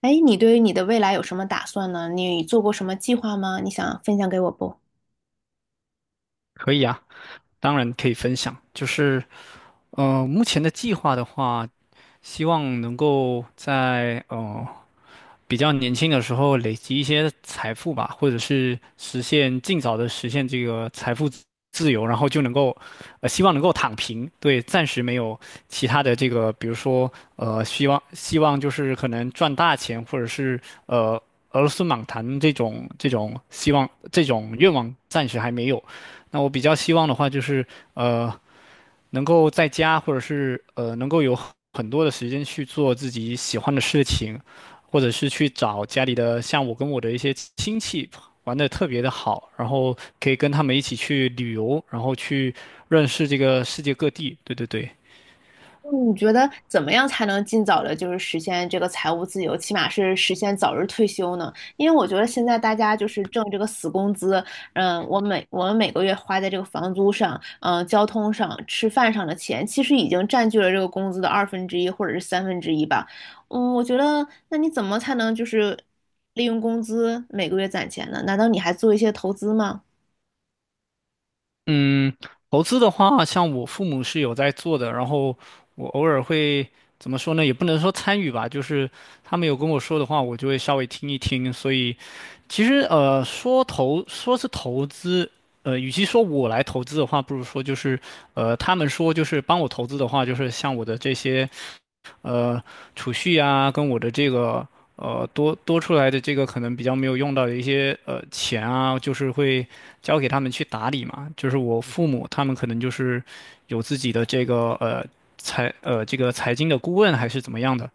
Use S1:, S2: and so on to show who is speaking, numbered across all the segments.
S1: 哎，你对于你的未来有什么打算呢？你做过什么计划吗？你想分享给我不？
S2: 可以啊，当然可以分享。就是，目前的计划的话，希望能够在比较年轻的时候累积一些财富吧，或者是实现尽早的实现这个财富自由，然后就能够，希望能够躺平，对。暂时没有其他的这个，比如说，呃,希望就是可能赚大钱，或者是呃俄罗斯满堂这种希望这种愿望暂时还没有。那我比较希望的话就是，呃。能够在家或者是能够有很多的时间去做自己喜欢的事情，或者是去找家里的，像我跟我的一些亲戚玩的特别的好，然后可以跟他们一起去旅游，然后去认识这个世界各地。对对对。
S1: 嗯你觉得怎么样才能尽早的，就是实现这个财务自由，起码是实现早日退休呢？因为我觉得现在大家就是挣这个死工资，我们每个月花在这个房租上，交通上、吃饭上的钱，其实已经占据了这个工资的二分之一或者是三分之一吧。我觉得那你怎么才能就是利用工资每个月攒钱呢？难道你还做一些投资吗？
S2: 嗯，投资的话，像我父母是有在做的，然后我偶尔会怎么说呢？也不能说参与吧，就是他们有跟我说的话，我就会稍微听一听。所以，其实说是投资，与其说我来投资的话，不如说就是他们说就是帮我投资的话，就是像我的这些。呃储蓄啊，跟我的这个呃,多出来的这个可能比较没有用到的一些钱啊，就是会交给他们去打理嘛。就是我父母他们可能就是有自己的这个呃这个财经的顾问还是怎么样的，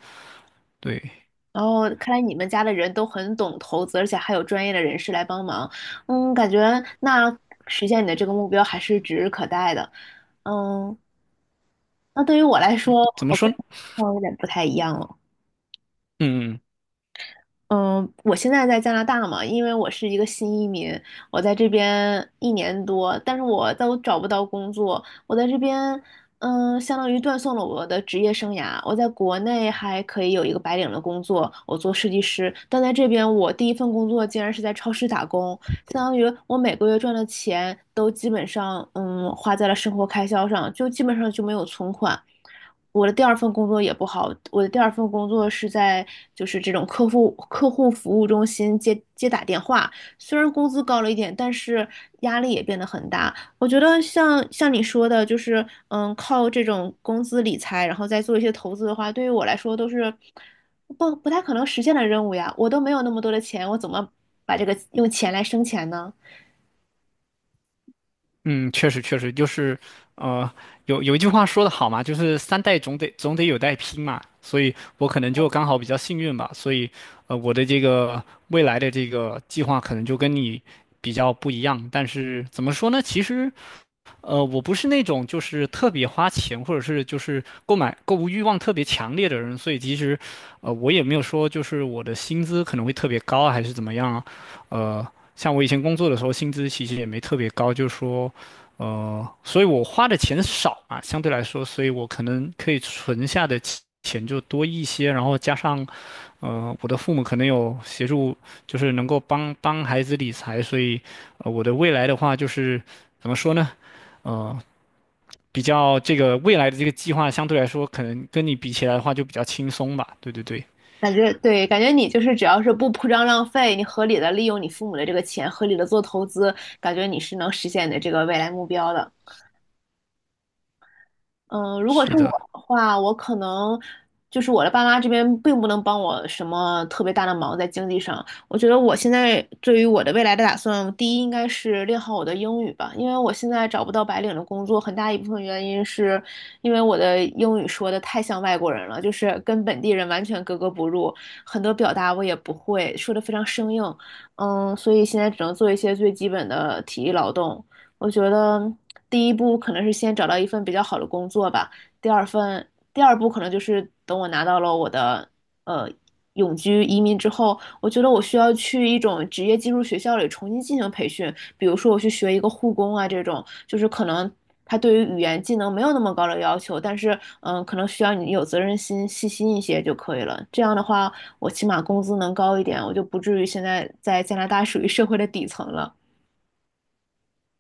S2: 对。
S1: 然后看来你们家的人都很懂投资，而且还有专业的人士来帮忙。嗯，感觉那实现你的这个目标还是指日可待的。嗯，那对于我来说，
S2: 怎么
S1: 我
S2: 说
S1: 跟
S2: 呢？
S1: 情况有点不太一样了。
S2: 嗯嗯。
S1: 嗯，我现在在加拿大嘛，因为我是一个新移民，我在这边一年多，但是我都找不到工作。我在这边，相当于断送了我的职业生涯。我在国内还可以有一个白领的工作，我做设计师，但在这边，我第一份工作竟然是在超市打工，相当于我每个月赚的钱都基本上，花在了生活开销上，就基本上就没有存款。我的第二份工作也不好，我的第二份工作是在就是这种客户服务中心接打电话，虽然工资高了一点，但是压力也变得很大。我觉得像你说的，就是靠这种工资理财，然后再做一些投资的话，对于我来说都是不太可能实现的任务呀。我都没有那么多的钱，我怎么把这个用钱来生钱呢？
S2: 嗯，确实就是，呃，有一句话说的好嘛，就是三代总得有代拼嘛，所以我可能就刚好比较幸运吧。所以，我的这个未来的这个计划可能就跟你比较不一样，但是怎么说呢？其实我不是那种就是特别花钱，或者是就是购买购物欲望特别强烈的人，所以其实，我也没有说就是我的薪资可能会特别高啊还是怎么样啊。呃，像我以前工作的时候，薪资其实也没特别高，就是说，所以我花的钱少嘛，相对来说，所以我可能可以存下的钱就多一些，然后加上，我的父母可能有协助，就是能够帮孩子理财，所以，我的未来的话就是怎么说呢？嗯，比较这个未来的这个计划相对来说，可能跟你比起来的话就比较轻松吧。对对对。
S1: 感觉对，感觉你就是只要是不铺张浪费，你合理的利用你父母的这个钱，合理的做投资，感觉你是能实现你的这个未来目标的。如果是
S2: 是
S1: 我
S2: 的。
S1: 的话，我可能就是我的爸妈这边并不能帮我什么特别大的忙在经济上。我觉得我现在对于我的未来的打算，第一应该是练好我的英语吧，因为我现在找不到白领的工作，很大一部分原因是因为我的英语说的太像外国人了，就是跟本地人完全格格不入，很多表达我也不会，说的非常生硬。所以现在只能做一些最基本的体力劳动。我觉得第一步可能是先找到一份比较好的工作吧，第二份，第二步可能就是等我拿到了我的呃永居移民之后，我觉得我需要去一种职业技术学校里重新进行培训，比如说我去学一个护工啊这种，就是可能他对于语言技能没有那么高的要求，但是可能需要你有责任心、细心一些就可以了。这样的话，我起码工资能高一点，我就不至于现在在加拿大属于社会的底层了。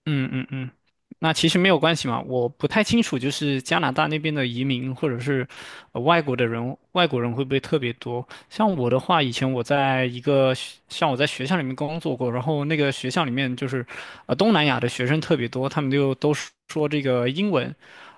S2: 嗯嗯嗯，那其实没有关系嘛。我不太清楚，就是加拿大那边的移民或者是外国的人，外国人会不会特别多？像我的话，以前我在一个学像我在学校里面工作过，然后那个学校里面就是东南亚的学生特别多，他们就都说这个英文，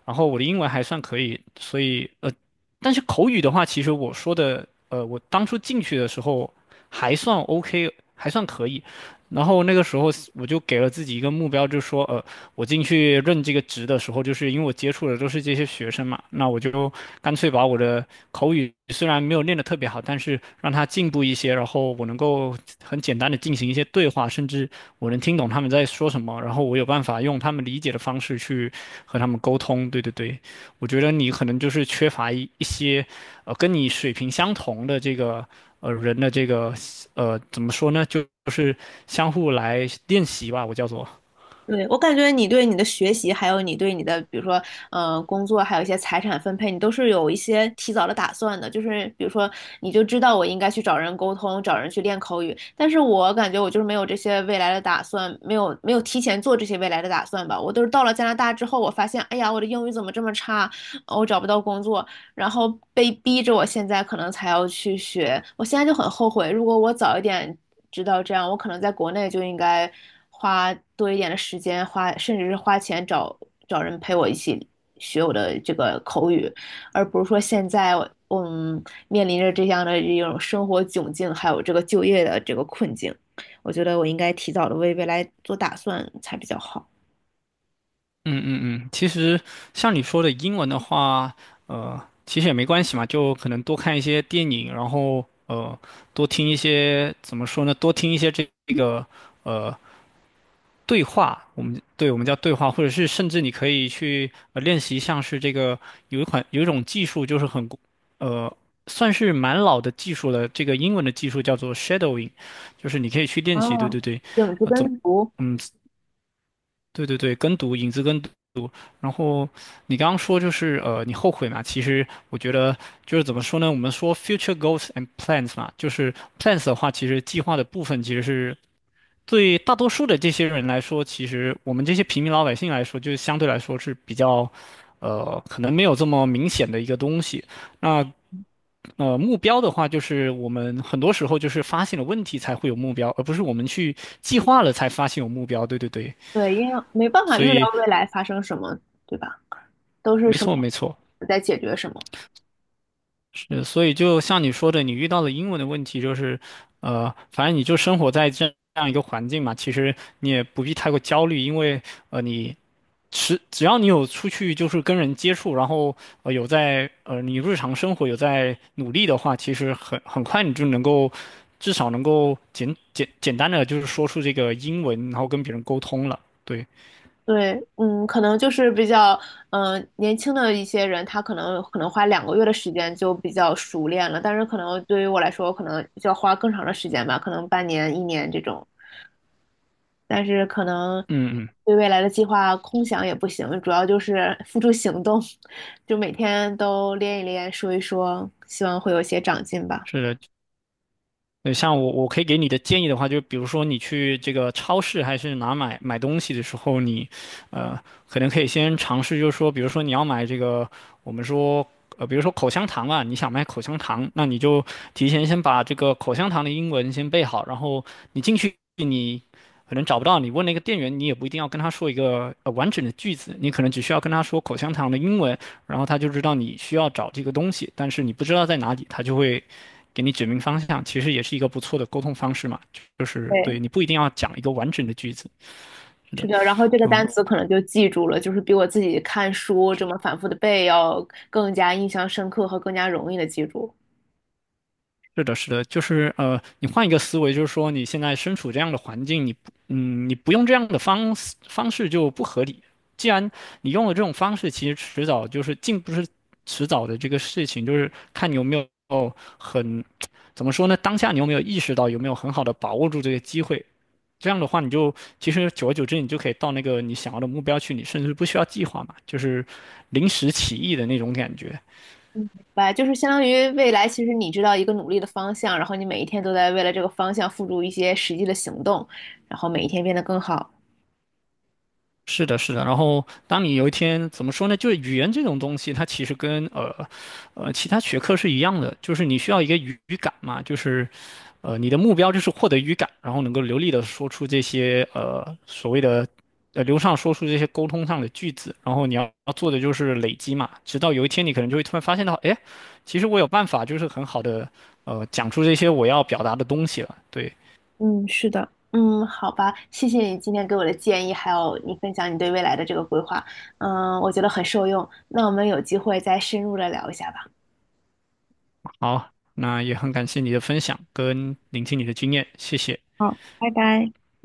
S2: 然后我的英文还算可以，所以但是口语的话，其实我说的我当初进去的时候还算 OK,还算可以。然后那个时候我就给了自己一个目标，就是说，我进去任这个职的时候，就是因为我接触的都是这些学生嘛，那我就干脆把我的口语虽然没有练得特别好，但是让他进步一些，然后我能够很简单的进行一些对话，甚至我能听懂他们在说什么，然后我有办法用他们理解的方式去和他们沟通。对对对。我觉得你可能就是缺乏一些，跟你水平相同的这个。人的这个怎么说呢，就是相互来练习吧，我叫做。
S1: 对，我感觉你对你的学习，还有你对你的，比如说，工作，还有一些财产分配，你都是有一些提早的打算的。就是比如说，你就知道我应该去找人沟通，找人去练口语。但是我感觉我就是没有这些未来的打算，没有提前做这些未来的打算吧。我都是到了加拿大之后，我发现，哎呀，我的英语怎么这么差？我找不到工作。然后被逼着我现在可能才要去学，我现在就很后悔，如果我早一点知道这样，我可能在国内就应该花多一点的时间，花甚至是花钱找找人陪我一起学我的这个口语，而不是说现在我嗯面临着这样的一种生活窘境，还有这个就业的这个困境，我觉得我应该提早的为未来做打算才比较好。
S2: 嗯嗯嗯，其实像你说的英文的话，呃，其实也没关系嘛，就可能多看一些电影，然后多听一些，怎么说呢，多听一些这个呃对话，我们对我们叫对话，或者是甚至你可以去练习，像是这个有一种技术，就是很呃算是蛮老的技术了，这个英文的技术叫做 shadowing,就是你可以去
S1: 啊，
S2: 练习。对对对。
S1: 影子
S2: 啊、怎么
S1: 跟读，
S2: 嗯。对对对，跟读，影子跟读。然后你刚刚说就是你后悔嘛，其实我觉得就是怎么说呢，我们说 future goals and plans 嘛，就是 plans 的话，其实计划的部分其实是对大多数的这些人来说，其实我们这些平民老百姓来说，就是相对来说是比较，可能没有这么明显的一个东西。那目标的话，就是我们很多时候就是发现了问题才会有目标，而不是我们去计划了才发现有目标。对对对。
S1: 对，因为没办法
S2: 所
S1: 预料
S2: 以
S1: 未来发生什么，对吧？都是
S2: 没
S1: 什
S2: 错
S1: 么
S2: 没错。
S1: 在解决什么。
S2: 所以就像你说的，你遇到了英文的问题就是，反正你就生活在这样一个环境嘛，其实你也不必太过焦虑，因为你是只要你有出去就是跟人接触，然后有在你日常生活有在努力的话，其实很快你就能够至少能够简单的就是说出这个英文，然后跟别人沟通了。对。
S1: 对，可能就是比较，年轻的一些人，他可能花2个月的时间就比较熟练了，但是可能对于我来说，可能就要花更长的时间吧，可能半年、一年这种。但是可能
S2: 嗯嗯。
S1: 对未来的计划空想也不行，主要就是付诸行动，就每天都练一练，说一说，希望会有一些长进吧。
S2: 是的。对，像我可以给你的建议的话，就比如说你去这个超市还是哪买东西的时候，你呃，可能可以先尝试，就是说，比如说你要买这个，我们说，比如说口香糖啊，你想买口香糖，那你就提前先把这个口香糖的英文先背好，然后你进去你可能找不到，你问那个店员，你也不一定要跟他说一个完整的句子，你可能只需要跟他说口香糖的英文，然后他就知道你需要找这个东西，但是你不知道在哪里，他就会。给你指明方向，其实也是一个不错的沟通方式嘛，就是对
S1: 对。
S2: 你不一定要讲一个完整的句子。是
S1: 是
S2: 的。
S1: 的，然后这个
S2: 就
S1: 单词可能就记住了，就是比我自己看书这么反复的背要更加印象深刻和更加容易的记住。
S2: 是的，是的，就是你换一个思维，就是说你现在身处这样的环境，你不，嗯，你不用这样的方式就不合理。既然你用了这种方式，其实迟早就是进不是迟早的这个事情，就是看你有没有很，怎么说呢？当下你有没有意识到，有没有很好的把握住这个机会？这样的话，你就其实久而久之，你就可以到那个你想要的目标去，你甚至不需要计划嘛，就是临时起意的那种感觉。
S1: 嗯，明白，就是相当于未来，其实你知道一个努力的方向，然后你每一天都在为了这个方向付诸一些实际的行动，然后每一天变得更好。
S2: 是的，是的。然后，当你有一天怎么说呢？就是语言这种东西，它其实跟其他学科是一样的，就是你需要一个语感嘛，就是你的目标就是获得语感，然后能够流利的说出这些所谓的流畅说出这些沟通上的句子。然后你要做的就是累积嘛，直到有一天你可能就会突然发现到，哎，其实我有办法，就是很好的讲出这些我要表达的东西了。对。
S1: 嗯，是的，好吧，谢谢你今天给我的建议，还有你分享你对未来的这个规划，我觉得很受用。那我们有机会再深入的聊一下吧。
S2: 好，那也很感谢你的分享跟聆听你的经验，谢谢。
S1: 好，拜拜。